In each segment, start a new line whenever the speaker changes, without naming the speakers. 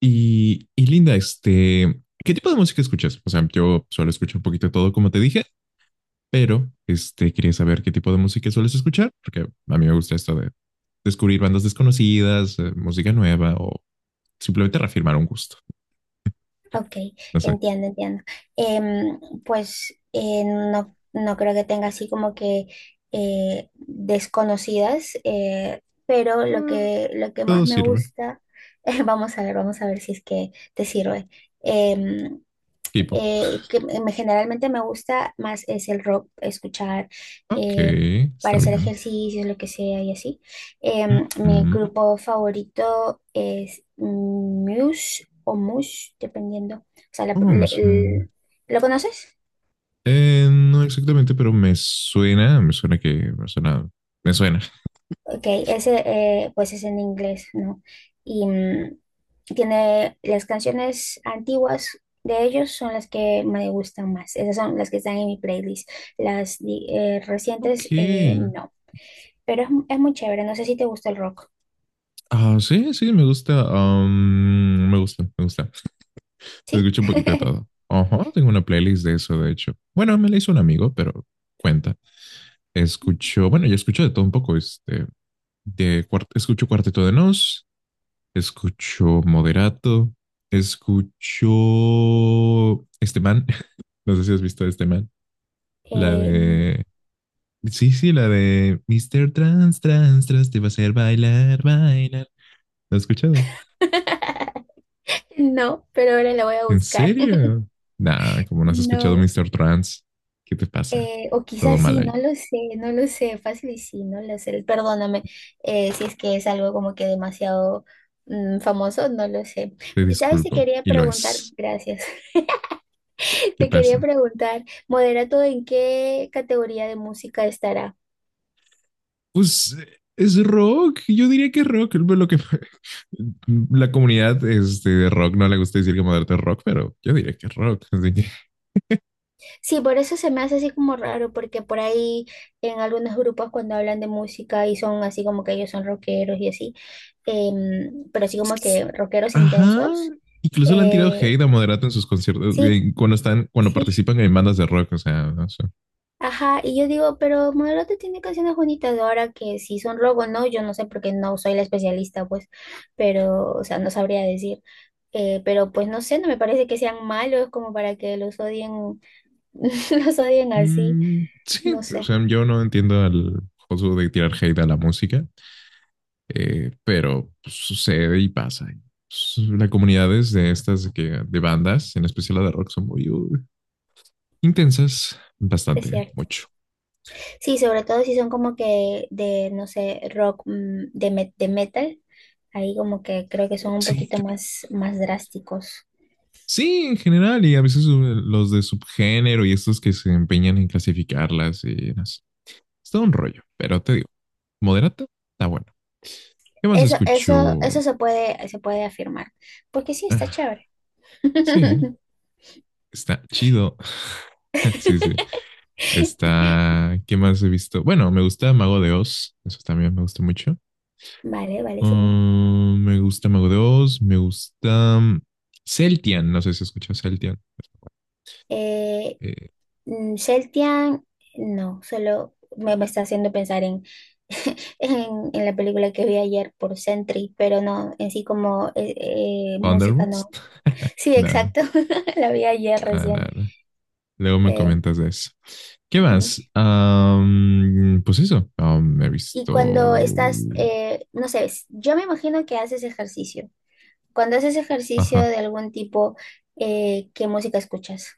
Y Linda, ¿qué tipo de música escuchas? O sea, yo suelo escuchar un poquito de todo, como te dije, pero quería saber qué tipo de música sueles escuchar, porque a mí me gusta esto de descubrir bandas desconocidas, música nueva o simplemente reafirmar un gusto.
Ok,
No sé,
entiendo, entiendo. Em, pues no, no creo que tenga así como que desconocidas, pero lo que más
todo
me
sirve.
gusta, vamos a ver si es que te sirve. Em,
K-pop.
que generalmente me gusta más es el rock, escuchar
Ok,
eh, para
está
hacer
bien.
ejercicios, lo que sea y así. Mi
Mm,
grupo favorito es Muse o Mush, dependiendo. O sea,
¿cómo me suena?
¿lo conoces?
No exactamente, pero me suena que, me suena.
Ok, ese pues es en inglés, ¿no? Y tiene las canciones antiguas. De ellos son las que me gustan más. Esas son las que están en mi playlist. Las
Ok.
recientes, no. Pero es muy chévere. No sé si te gusta el rock.
Ah, sí, sí, me gusta. Me gusta, me gusta.
¿Sí?
Escucho un poquito de todo. Ajá, tengo una playlist de eso, de hecho. Bueno, me la hizo un amigo, pero cuenta. Escucho, bueno, yo escucho de todo un poco. Escucho Cuarteto de Nos, escucho Moderato, escucho este man. No sé si has visto a este man. La
Eh,
de. Sí, sí, la de Mister Trans, te va a hacer bailar. ¿Lo has escuchado?
no, pero ahora la voy a
¿En
buscar.
serio? Nah, como no has escuchado
No,
Mr. Trans, ¿qué te pasa?
o
Todo
quizás
mal
sí,
ahí.
no lo sé, no lo sé, fácil y sí, no lo sé. Perdóname, si es que es algo como que demasiado famoso, no lo sé.
Te
¿Sabes? Te
disculpo.
quería
Y lo
preguntar,
es.
gracias.
¿Qué
Te quería
pasa?
preguntar, ¿Moderato en qué categoría de música estará?
Pues es rock. Yo diría que es rock. Lo que la comunidad de rock no le gusta decir que moderno es rock, pero yo diría que es rock. Así que,
Sí, por eso se me hace así como raro, porque por ahí en algunos grupos cuando hablan de música y son así como que ellos son rockeros y así, pero así
es
como
que
que rockeros
ajá.
intensos,
Incluso le han tirado
eh,
hate a Moderato en sus conciertos
sí,
cuando
sí,
participan en bandas de rock. O sea, no sé.
ajá, y yo digo, pero Moderote tiene canciones bonitas, ahora que si son rock o no, yo no sé porque no soy la especialista, pues, pero, o sea, no sabría decir, pero pues no sé, no me parece que sean malos como para que los odien, los odien así,
Mm, sí,
no
o
sé,
sea, yo no entiendo al juego de tirar hate a la música. Pero pues, sucede y pasa. Pues, las comunidades de de bandas, en especial la de rock, son muy intensas,
es
bastante,
cierto.
mucho.
Sí, sobre todo si son como que de, no sé, rock, de, de metal, ahí como que creo que son un
Sí,
poquito
también.
más, más drásticos.
Sí, en general, y a veces los de subgénero y estos que se empeñan en clasificarlas y así. Es todo un rollo, pero te digo, moderata, está bueno. ¿Qué más
Eso
escucho?
se puede afirmar, porque sí, está
Ah,
chévere.
sí, está chido. Sí, sí. Está. ¿Qué más he visto? Bueno, me gusta Mago de Oz. Eso también me gusta mucho.
Vale, vale, sí.
Ah, me gusta Mago de Oz, me gusta Celtian, no sé si escuchas Celtian.
Eh,
Eh,
Celtian, no, solo me, me está haciendo pensar en, en la película que vi ayer por Sentry, pero no, en sí como música
Thunderbolts.
no. Sí,
Nada,
exacto, la vi ayer
nada,
recién.
nada. Luego me
Eh,
comentas de eso. ¿Qué más? Pues eso. Am, me he
Y
visto.
cuando estás, no sé, yo me imagino que haces ejercicio. Cuando haces ejercicio
Ajá.
de algún tipo, ¿qué música escuchas?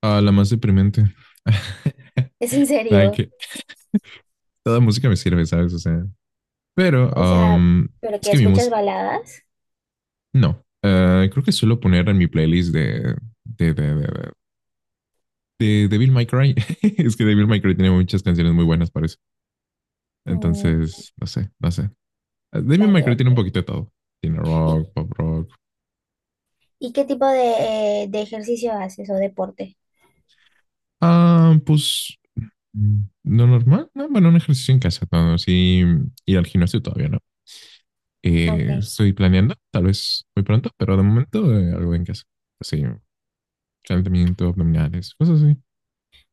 Ah, la más deprimente.
¿Es en
Nada
serio?
que. Toda música me sirve, ¿sabes? O sea. Pero
O sea,
am,
¿pero
es
que
que mi
escuchas
música.
baladas?
No. Creo que suelo poner en mi playlist de, de, de, de, de Devil May Cry. Es que Devil May Cry tiene muchas canciones muy buenas para eso.
Mm,
Entonces, no sé, no sé. Devil May
vale,
Cry tiene un
ok.
poquito de todo. Tiene
¿Y,
rock, pop rock.
y qué tipo de ejercicio haces o deporte?
Ah, pues no normal. No, bueno, un ejercicio en casa. No, sí, ir al gimnasio todavía no.
Ok.
Estoy planeando, tal vez muy pronto, pero de momento algo en casa. Así, calentamiento, abdominales, cosas así.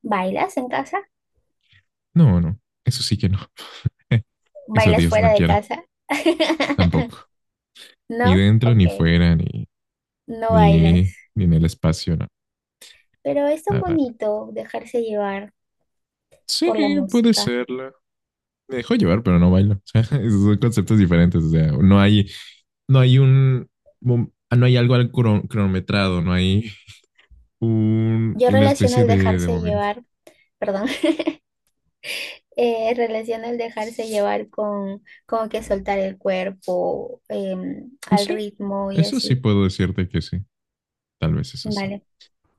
¿Bailas en casa?
No, no, eso sí que no. Eso
¿Bailas
Dios no
fuera de
quiera,
casa?
tampoco. Ni
No,
dentro, ni
ok.
fuera,
No bailas.
ni en el espacio, no.
Pero es
No,
tan
no, no.
bonito dejarse llevar
Sí,
por la
puede
música.
serla. Me dejo llevar, pero no bailo. O sea, esos son conceptos diferentes. O sea, no hay no hay algo al cronometrado, no hay
Yo
una
relaciono
especie
el
de
dejarse
momento.
llevar, perdón, relaciono el dejarse llevar con como que soltar el cuerpo,
Pues
al
sí,
ritmo y
eso sí
así,
puedo decirte que sí. Tal vez eso sí,
¿vale?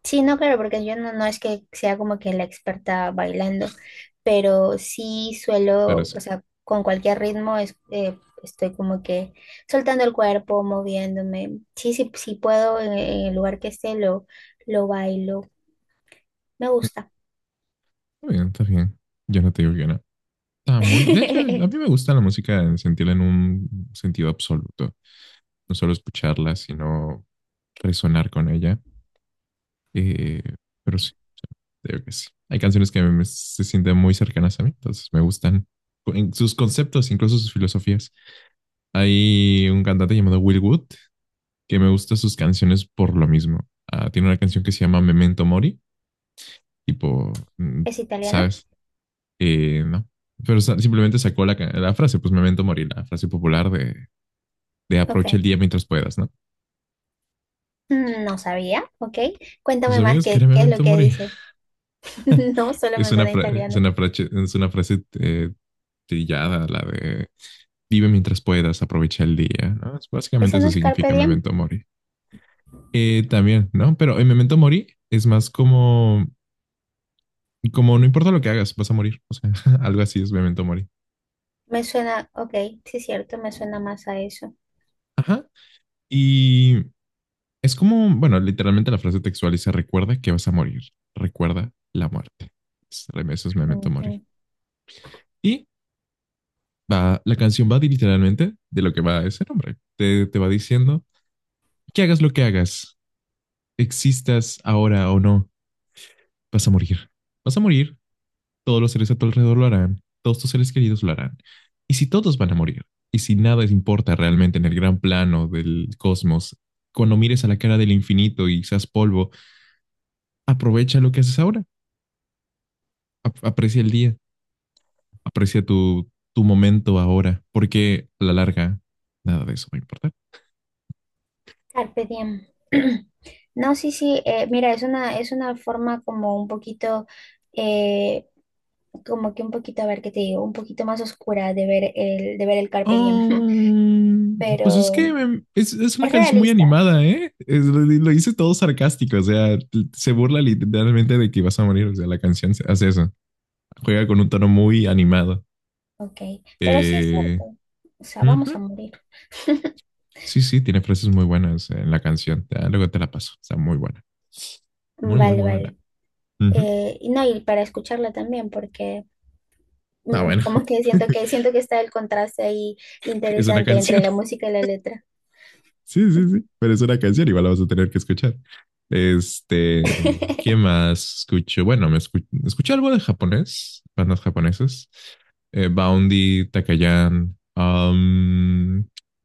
Sí, no, claro, porque yo no, no es que sea como que la experta bailando, pero sí
pero
suelo,
sí.
o sea, con cualquier ritmo es, estoy como que soltando el cuerpo, moviéndome. Sí, sí, sí puedo en el lugar que esté, lo bailo. Me gusta.
Está bien, está bien. Yo no te digo que no. Está muy bien. De hecho, a
¿Es
mí me gusta la música en sentirla en un sentido absoluto. No solo escucharla, sino resonar con ella. Eh, pero sí, creo que sí. Hay canciones se sienten muy cercanas a mí, entonces me gustan en sus conceptos, incluso sus filosofías. Hay un cantante llamado Will Wood que me gusta sus canciones por lo mismo. Ah, tiene una canción que se llama Memento Mori, tipo, mm,
italiano?
¿sabes? No. Simplemente sacó la frase, pues Memento Mori, la frase popular de aprovecha
Ok.
el día mientras puedas, ¿no?
No sabía, ok.
¿No
Cuéntame más
sabías que era
qué, qué es lo
Memento
que
Mori?
dice. No, solo
Es
me suena italiano.
es una frase trillada, la de vive mientras puedas, aprovecha el día, ¿no? Es- básicamente
¿Eso no
eso
es carpe
significa
diem?
Memento Mori. También, ¿no? Pero en Memento Mori es más como, como no importa lo que hagas, vas a morir. O sea, algo así es Memento Mori.
Me suena, ok, sí es cierto, me suena más a eso.
Ajá. Y es como, bueno, literalmente la frase textual dice, recuerda que vas a morir, recuerda la muerte. Es- eso es Memento
Ujú.
Mori. Y va, la canción va literalmente de lo que va ese nombre. Te va diciendo que hagas lo que hagas, existas ahora o no, vas a morir. Vas a morir, todos los seres a tu alrededor lo harán, todos tus seres queridos lo harán. Y si todos van a morir, y si nada importa realmente en el gran plano del cosmos, cuando mires a la cara del infinito y seas polvo, aprovecha lo que haces ahora, aprecia el día, aprecia tu momento ahora, porque a la larga nada de eso va a importar.
Carpe diem. No, sí, sí, mira, es una forma como un poquito, eh, como que un poquito, a ver qué te digo, un poquito más oscura de ver el carpe diem,
Oh, pues es que
pero
es una
es
canción muy
realista,
animada, ¿eh? Es- lo hice todo sarcástico, o sea, se burla literalmente de que vas a morir, o sea, la canción hace eso. Juega con un tono muy animado.
ok, pero sí es
Eh,
cierto, o sea, vamos a
ujú.
morir.
Sí, sí, tiene frases muy buenas en la canción. Ya, luego te la paso. Está muy buena. Muy, muy,
Vale,
muy buena.
vale.
Ujú.
Y no, y para escucharla también, porque
Ah, bueno.
como que siento que siento que está el contraste ahí
Es una
interesante entre
canción.
la música y la letra.
Sí, sí, sí. Pero es una canción. Igual la vas a tener que escuchar. Este, ¿qué más escucho? Bueno, escuché algo de japonés, bandas japonesas. Boundy, Takayan, un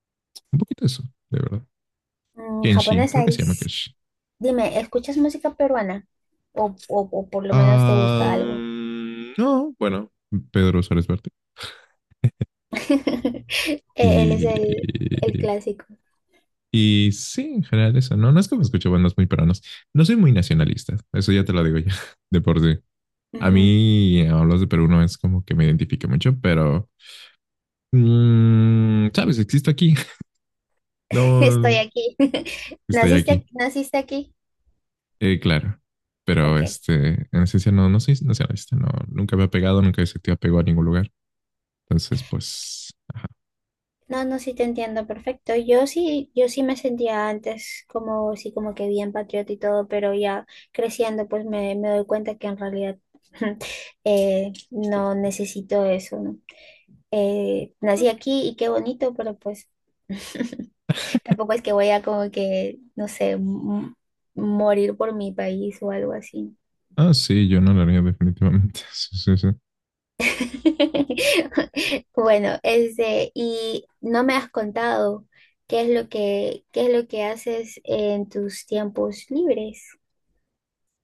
poquito de eso, de verdad. Kenshi,
Japonesa
creo que se llama Kenshi.
dime, ¿escuchas música peruana? O por lo menos te
Ah,
gusta algo.
no, bueno, Pedro Suárez Verte.
Él es el
Y,
clásico.
y sí, en general eso. No, no es que me escuche bandas muy peruanas. No soy muy nacionalista, eso ya te lo digo ya, de por sí. A
Ujú.
mí, hablas de Perú, no es como que me identifique mucho, pero, mm, ¿sabes? Existo aquí.
Estoy
No,
aquí.
estoy aquí.
¿Naciste, naciste aquí?
Claro. Pero
Ok.
este, en esencia no, no soy nacionalista, no, nunca me ha pegado, nunca he sentido apego a ningún lugar. Entonces, pues,
No, no, sí te entiendo perfecto. Yo sí, yo sí me sentía antes como, sí, como que bien patriota y todo, pero ya creciendo, pues me doy cuenta que en realidad no necesito eso, ¿no? Nací aquí y qué bonito, pero pues tampoco es que voy a como que, no sé, morir por mi país o algo así, ¿no?
ah, sí, yo no lo haría definitivamente. Sí, sí, sí.
Bueno, este, y no me has contado qué es lo que, qué es lo que haces en tus tiempos libres.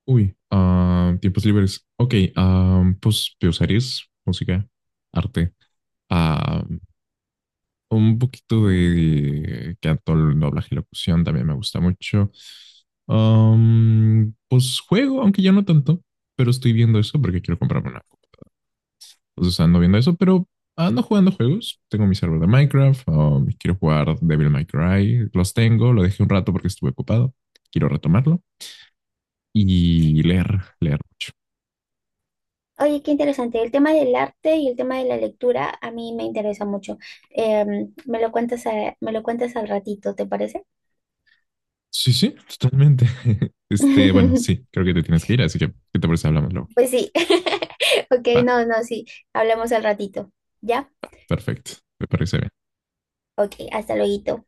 Uy, ah, tiempos libres. Ok, ah, pues veo series, música, arte. Ah, un poquito de canto, doblaje y locución también me gusta mucho. Pues juego, aunque ya no tanto, pero estoy viendo eso porque quiero comprarme una. Compu. Entonces ando viendo eso, pero ando jugando juegos. Tengo mi server de Minecraft, quiero jugar Devil May Cry. Los tengo, lo dejé un rato porque estuve ocupado. Quiero retomarlo. Y leer, leer mucho.
Oye, qué interesante. El tema del arte y el tema de la lectura a mí me interesa mucho. Me lo cuentas me lo cuentas al ratito, ¿te parece?
Sí, sí, totalmente. Este, bueno, sí, creo que te tienes que ir, así que, ¿qué te parece? Hablamos luego.
Pues sí. Ok,
Va,
no, no, sí. Hablamos al ratito. ¿Ya?
perfecto, me parece bien.
Ok, hasta luego.